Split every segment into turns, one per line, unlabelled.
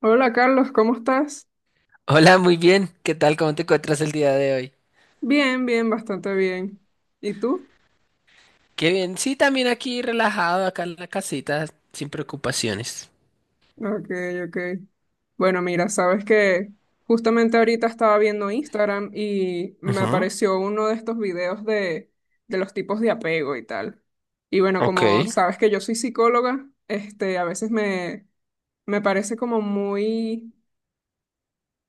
Hola Carlos, ¿cómo estás?
Hola, muy bien. ¿Qué tal? ¿Cómo te encuentras el día de hoy?
Bien, bien, bastante bien. ¿Y tú?
Qué bien. Sí, también aquí relajado, acá en la casita, sin preocupaciones.
Ok, ok. Bueno, mira, sabes que justamente ahorita estaba viendo Instagram y me
Ujú.
apareció uno de estos videos de los tipos de apego y tal. Y bueno,
Ok.
como sabes que yo soy psicóloga, a veces me parece como muy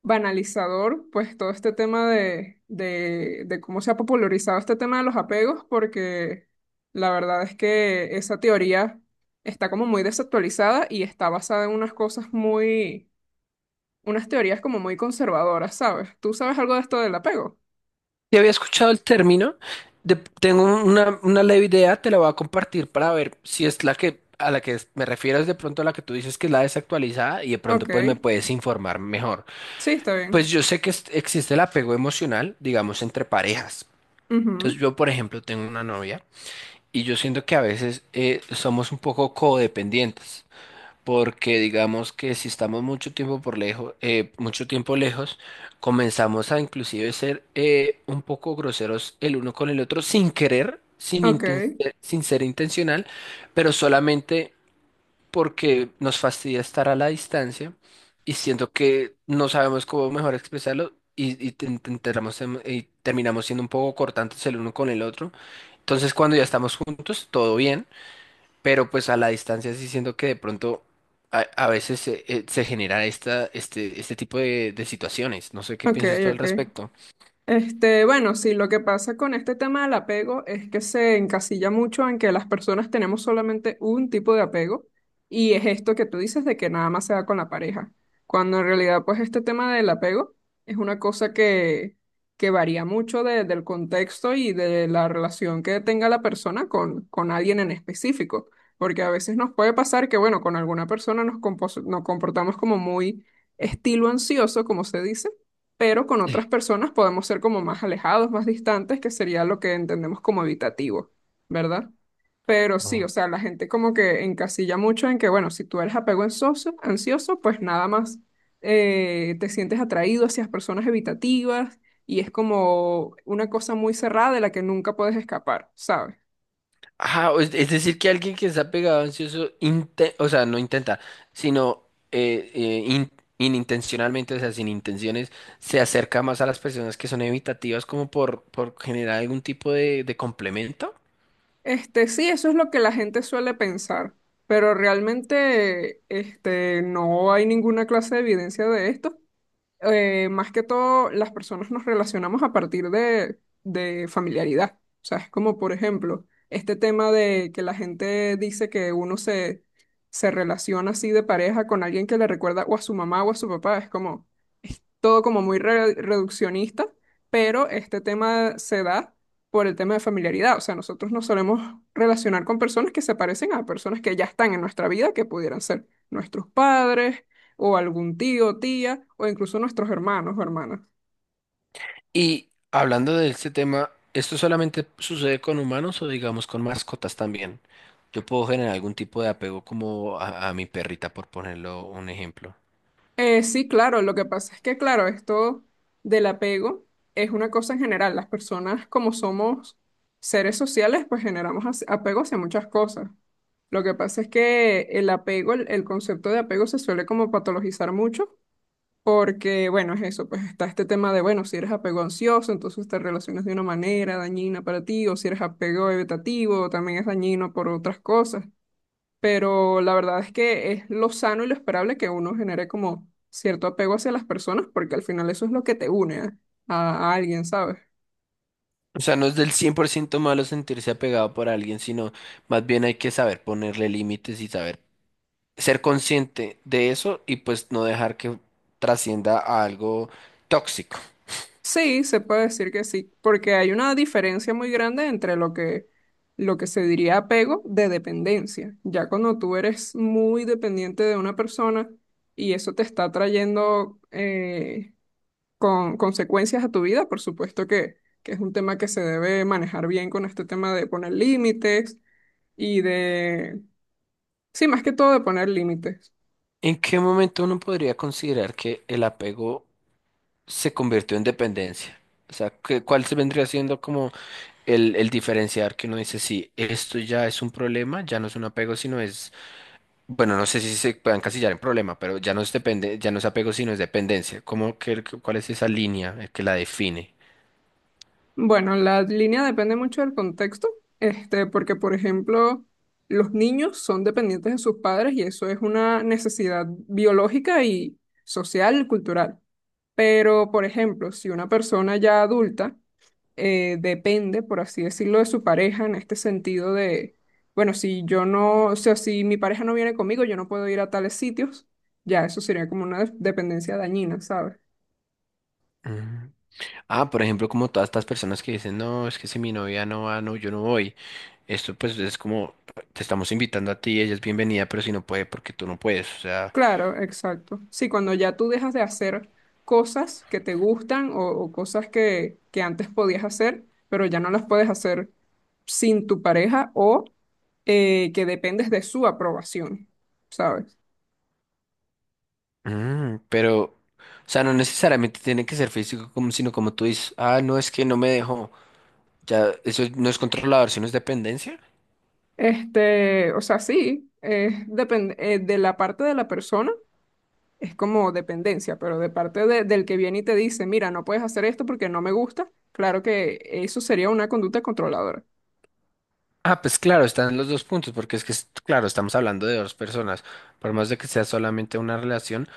banalizador, pues todo este tema de cómo se ha popularizado este tema de los apegos, porque la verdad es que esa teoría está como muy desactualizada y está basada en unas cosas unas teorías como muy conservadoras, ¿sabes? ¿Tú sabes algo de esto del apego?
Ya había escuchado el término. Tengo una leve idea, te la voy a compartir para ver si es la que a la que me refiero es de pronto la que tú dices que es la desactualizada y de
Ok,
pronto pues me puedes informar mejor.
sí, está
Pues
bien.
yo sé que existe el apego emocional, digamos, entre parejas. Entonces
Ujú.
yo, por ejemplo, tengo una novia y yo siento que a veces somos un poco codependientes, porque digamos que si estamos mucho tiempo por lejos, mucho tiempo lejos, comenzamos a inclusive ser un poco groseros el uno con el otro sin querer,
Ok,
sin ser intencional, pero solamente porque nos fastidia estar a la distancia y siento que no sabemos cómo mejor expresarlo y y terminamos siendo un poco cortantes el uno con el otro. Entonces, cuando ya estamos juntos, todo bien. Pero pues a la distancia sí siento que de pronto a veces se genera este tipo de situaciones. No sé qué
ok,
piensas tú al
ok.
respecto.
Bueno, sí, lo que pasa con este tema del apego es que se encasilla mucho en que las personas tenemos solamente un tipo de apego y es esto que tú dices de que nada más se da con la pareja, cuando en realidad pues este tema del apego es una cosa que varía mucho del contexto y de la relación que tenga la persona con alguien en específico, porque a veces nos puede pasar que bueno, con alguna persona nos comportamos como muy estilo ansioso, como se dice, pero con otras
Sí.
personas podemos ser como más alejados, más distantes, que sería lo que entendemos como evitativo, ¿verdad? Pero sí,
Oh.
o sea, la gente como que encasilla mucho en que, bueno, si tú eres apego ansioso, pues nada más te sientes atraído hacia personas evitativas y es como una cosa muy cerrada de la que nunca puedes escapar, ¿sabes?
Ajá, o es decir, que alguien que está pegado ansioso, o sea, no intenta, sino eh, eh, in- inintencionalmente, o sea, sin intenciones, se acerca más a las personas que son evitativas como por generar algún tipo de complemento.
Sí, eso es lo que la gente suele pensar, pero realmente no hay ninguna clase de evidencia de esto, más que todo, las personas nos relacionamos a partir de familiaridad. O sea, es como, por ejemplo, este tema de que la gente dice que uno se relaciona así de pareja con alguien que le recuerda o a su mamá o a su papá. Es como, es todo como muy reduccionista, pero este tema se da por el tema de familiaridad. O sea, nosotros nos solemos relacionar con personas que se parecen a personas que ya están en nuestra vida, que pudieran ser nuestros padres o algún tío, tía, o incluso nuestros hermanos o hermanas.
Y hablando de este tema, ¿esto solamente sucede con humanos o digamos con mascotas también? Yo puedo generar algún tipo de apego como a mi perrita, por ponerlo un ejemplo.
Sí, claro, lo que pasa es que, claro, esto del apego es una cosa en general. Las personas, como somos seres sociales, pues generamos apego hacia muchas cosas. Lo que pasa es que el apego, el concepto de apego se suele como patologizar mucho, porque, bueno, es eso, pues está este tema de, bueno, si eres apego ansioso, entonces te relacionas de una manera dañina para ti, o si eres apego evitativo, también es dañino por otras cosas, pero la verdad es que es lo sano y lo esperable que uno genere como cierto apego hacia las personas, porque al final eso es lo que te une a alguien, ¿sabes?
O sea, no es del 100% malo sentirse apegado por alguien, sino más bien hay que saber ponerle límites y saber ser consciente de eso y pues no dejar que trascienda a algo tóxico.
Sí, se puede decir que sí, porque hay una diferencia muy grande entre lo lo que se diría apego de dependencia. Ya cuando tú eres muy dependiente de una persona y eso te está trayendo con consecuencias a tu vida, por supuesto que es un tema que se debe manejar bien con este tema de poner límites y de, sí, más que todo de poner límites.
¿En qué momento uno podría considerar que el apego se convirtió en dependencia? O sea, ¿cuál se vendría siendo como? El diferenciar que uno dice: sí, esto ya es un problema, ya no es un apego, sino es, bueno, no sé si se puede encasillar en problema, pero ya no es depende, ya no es apego, sino es dependencia. ¿Cómo que cuál es esa línea que la define?
Bueno, la línea depende mucho del contexto, porque, por ejemplo, los niños son dependientes de sus padres y eso es una necesidad biológica y social, cultural. Pero, por ejemplo, si una persona ya adulta depende, por así decirlo, de su pareja en este sentido de, bueno, si yo no, o sea, si mi pareja no viene conmigo, yo no puedo ir a tales sitios, ya eso sería como una dependencia dañina, ¿sabes?
Mm. Ah, por ejemplo, como todas estas personas que dicen: no, es que si mi novia no va, no, yo no voy. Esto pues es como, te estamos invitando a ti, ella es bienvenida, pero si no puede, porque tú no puedes, o sea...
Claro, exacto. Sí, cuando ya tú dejas de hacer cosas que te gustan o cosas que antes podías hacer, pero ya no las puedes hacer sin tu pareja o que dependes de su aprobación, ¿sabes?
pero, o sea, no necesariamente tiene que ser físico, como, sino como tú dices: ah, no, es que no me dejó. Ya, eso no es controlador, sino es dependencia.
O sea, sí, depende, de la parte de la persona es como dependencia, pero de parte del que viene y te dice, mira, no puedes hacer esto porque no me gusta, claro que eso sería una conducta controladora.
Ah, pues claro, están los dos puntos, porque es que, claro, estamos hablando de dos personas. Por más de que sea solamente una relación,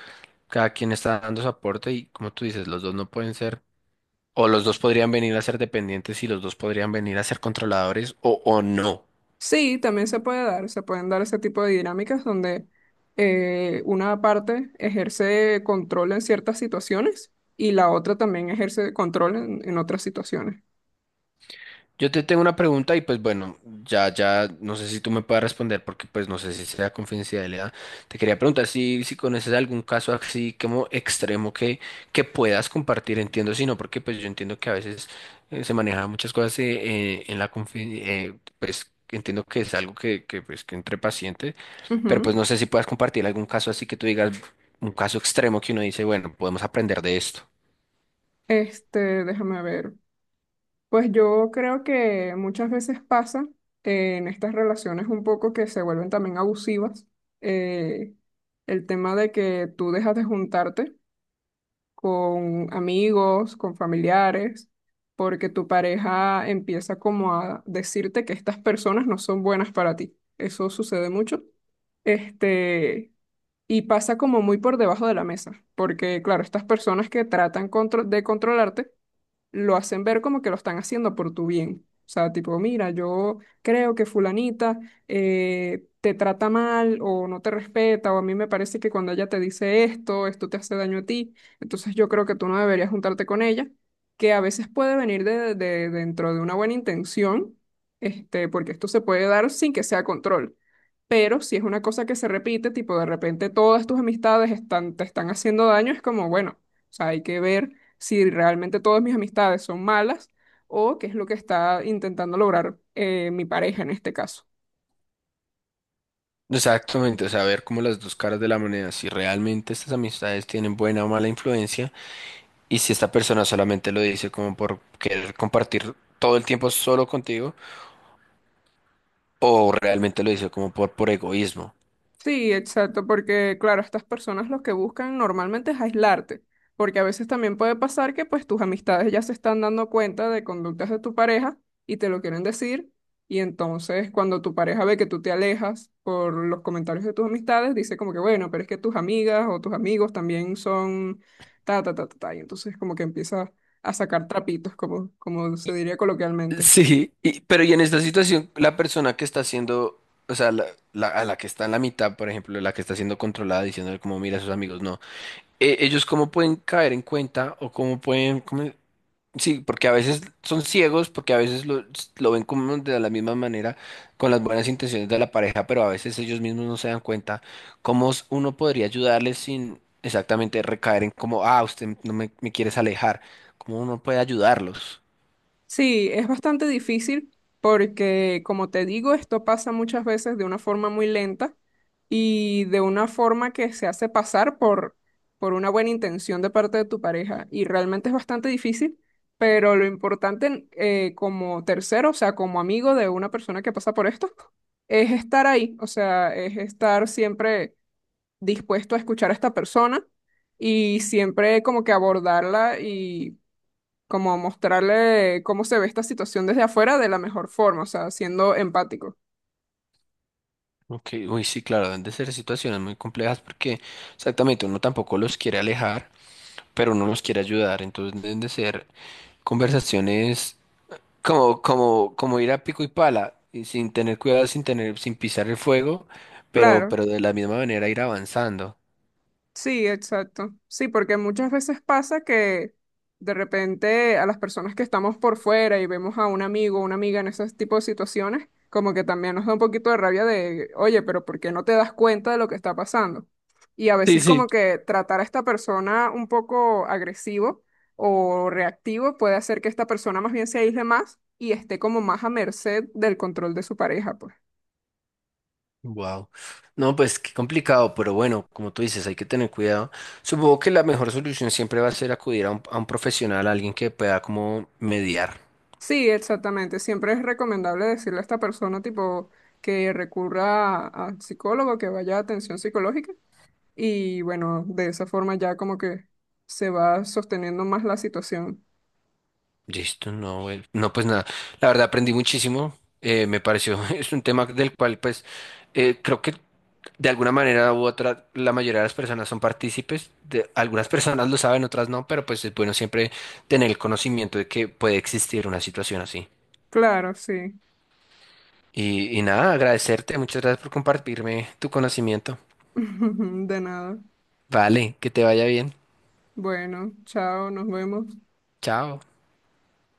cada quien está dando su aporte y, como tú dices, los dos no pueden ser, o los dos podrían venir a ser dependientes y los dos podrían venir a ser controladores o no.
Sí, también se puede dar, se pueden dar ese tipo de dinámicas donde una parte ejerce control en ciertas situaciones y la otra también ejerce control en otras situaciones.
Yo te tengo una pregunta y pues bueno, ya, ya, no sé si tú me puedas responder porque pues no sé si sea confidencialidad. Te quería preguntar si conoces algún caso así como extremo que puedas compartir, entiendo, si no, porque pues yo entiendo que a veces se manejan muchas cosas en la confidencialidad, pues entiendo que es algo que pues que entre pacientes, pero pues
Ujú.
no sé si puedas compartir algún caso así que tú digas, un caso extremo que uno dice, bueno, podemos aprender de esto.
Déjame ver. Pues yo creo que muchas veces pasa en estas relaciones un poco que se vuelven también abusivas. eh, el tema de que tú dejas de juntarte con amigos, con familiares, porque tu pareja empieza como a decirte que estas personas no son buenas para ti. Eso sucede mucho. Este, y pasa como muy por debajo de la mesa, porque claro, estas personas que de controlarte lo hacen ver como que lo están haciendo por tu bien. O sea, tipo, mira, yo creo que fulanita te trata mal o no te respeta o a mí me parece que cuando ella te dice esto, esto te hace daño a ti, entonces yo creo que tú no deberías juntarte con ella, que a veces puede venir dentro de una buena intención, porque esto se puede dar sin que sea control. Pero si es una cosa que se repite, tipo de repente todas tus amistades están, te están haciendo daño, es como, bueno, o sea, hay que ver si realmente todas mis amistades son malas o qué es lo que está intentando lograr, mi pareja en este caso.
Exactamente, o sea, ver como las dos caras de la moneda, si realmente estas amistades tienen buena o mala influencia y si esta persona solamente lo dice como por querer compartir todo el tiempo solo contigo o realmente lo dice como por egoísmo.
Sí, exacto, porque claro, estas personas lo que buscan normalmente es aislarte, porque a veces también puede pasar que pues tus amistades ya se están dando cuenta de conductas de tu pareja y te lo quieren decir, y entonces cuando tu pareja ve que tú te alejas por los comentarios de tus amistades, dice como que bueno, pero es que tus amigas o tus amigos también son ta ta ta ta, ta", y entonces como que empieza a sacar trapitos, como como se
Y-
diría coloquialmente.
Sí, pero y en esta situación la persona que está siendo, o sea, a la que está en la mitad, por ejemplo, la que está siendo controlada diciéndole como mira a sus amigos, no, ellos cómo pueden caer en cuenta o cómo pueden. Sí, porque a veces son ciegos, porque a veces lo ven como de la misma manera, con las buenas intenciones de la pareja, pero a veces ellos mismos no se dan cuenta cómo uno podría ayudarles sin exactamente recaer en como: ah, usted no me quieres alejar, cómo uno puede ayudarlos.
Sí, es bastante difícil porque, como te digo, esto pasa muchas veces de una forma muy lenta y de una forma que se hace pasar por una buena intención de parte de tu pareja. Y realmente es bastante difícil, pero lo importante, como tercero, o sea, como amigo de una persona que pasa por esto, es estar ahí, o sea, es estar siempre dispuesto a escuchar a esta persona y siempre como que abordarla como mostrarle cómo se ve esta situación desde afuera de la mejor forma, o sea, siendo empático.
Ok, uy, sí, claro, deben de ser situaciones muy complejas porque exactamente uno tampoco los quiere alejar, pero uno los quiere ayudar, entonces deben de ser conversaciones. Como ir a pico y pala, y sin tener cuidado, sin pisar el fuego, pero,
Claro.
pero de la misma manera ir avanzando.
Sí, exacto. Sí, porque muchas veces pasa que de repente a las personas que estamos por fuera y vemos a un amigo o una amiga en ese tipo de situaciones, como que también nos da un poquito de rabia de, oye, pero ¿por qué no te das cuenta de lo que está pasando? Y a
Sí,
veces
sí.
como que tratar a esta persona un poco agresivo o reactivo puede hacer que esta persona más bien se aísle más y esté como más a merced del control de su pareja, pues.
Wow. No, pues qué complicado, pero bueno, como tú dices, hay que tener cuidado. Supongo que la mejor solución siempre va a ser acudir a un profesional, a alguien que pueda como mediar.
Sí, exactamente. Siempre es recomendable decirle a esta persona, tipo, que recurra al psicólogo, que vaya a atención psicológica. Y bueno, de esa forma ya como que se va sosteniendo más la situación.
Listo, no, bueno. No, pues nada. La verdad aprendí muchísimo. Me pareció, es un tema del cual, pues, creo que de alguna manera u otra, la mayoría de las personas son partícipes. Algunas personas lo saben, otras no, pero pues es bueno siempre tener el conocimiento de que puede existir una situación así.
Claro, sí.
Y nada, agradecerte. Muchas gracias por compartirme tu conocimiento.
De nada.
Vale, que te vaya bien.
Bueno, chao, nos vemos.
Chao.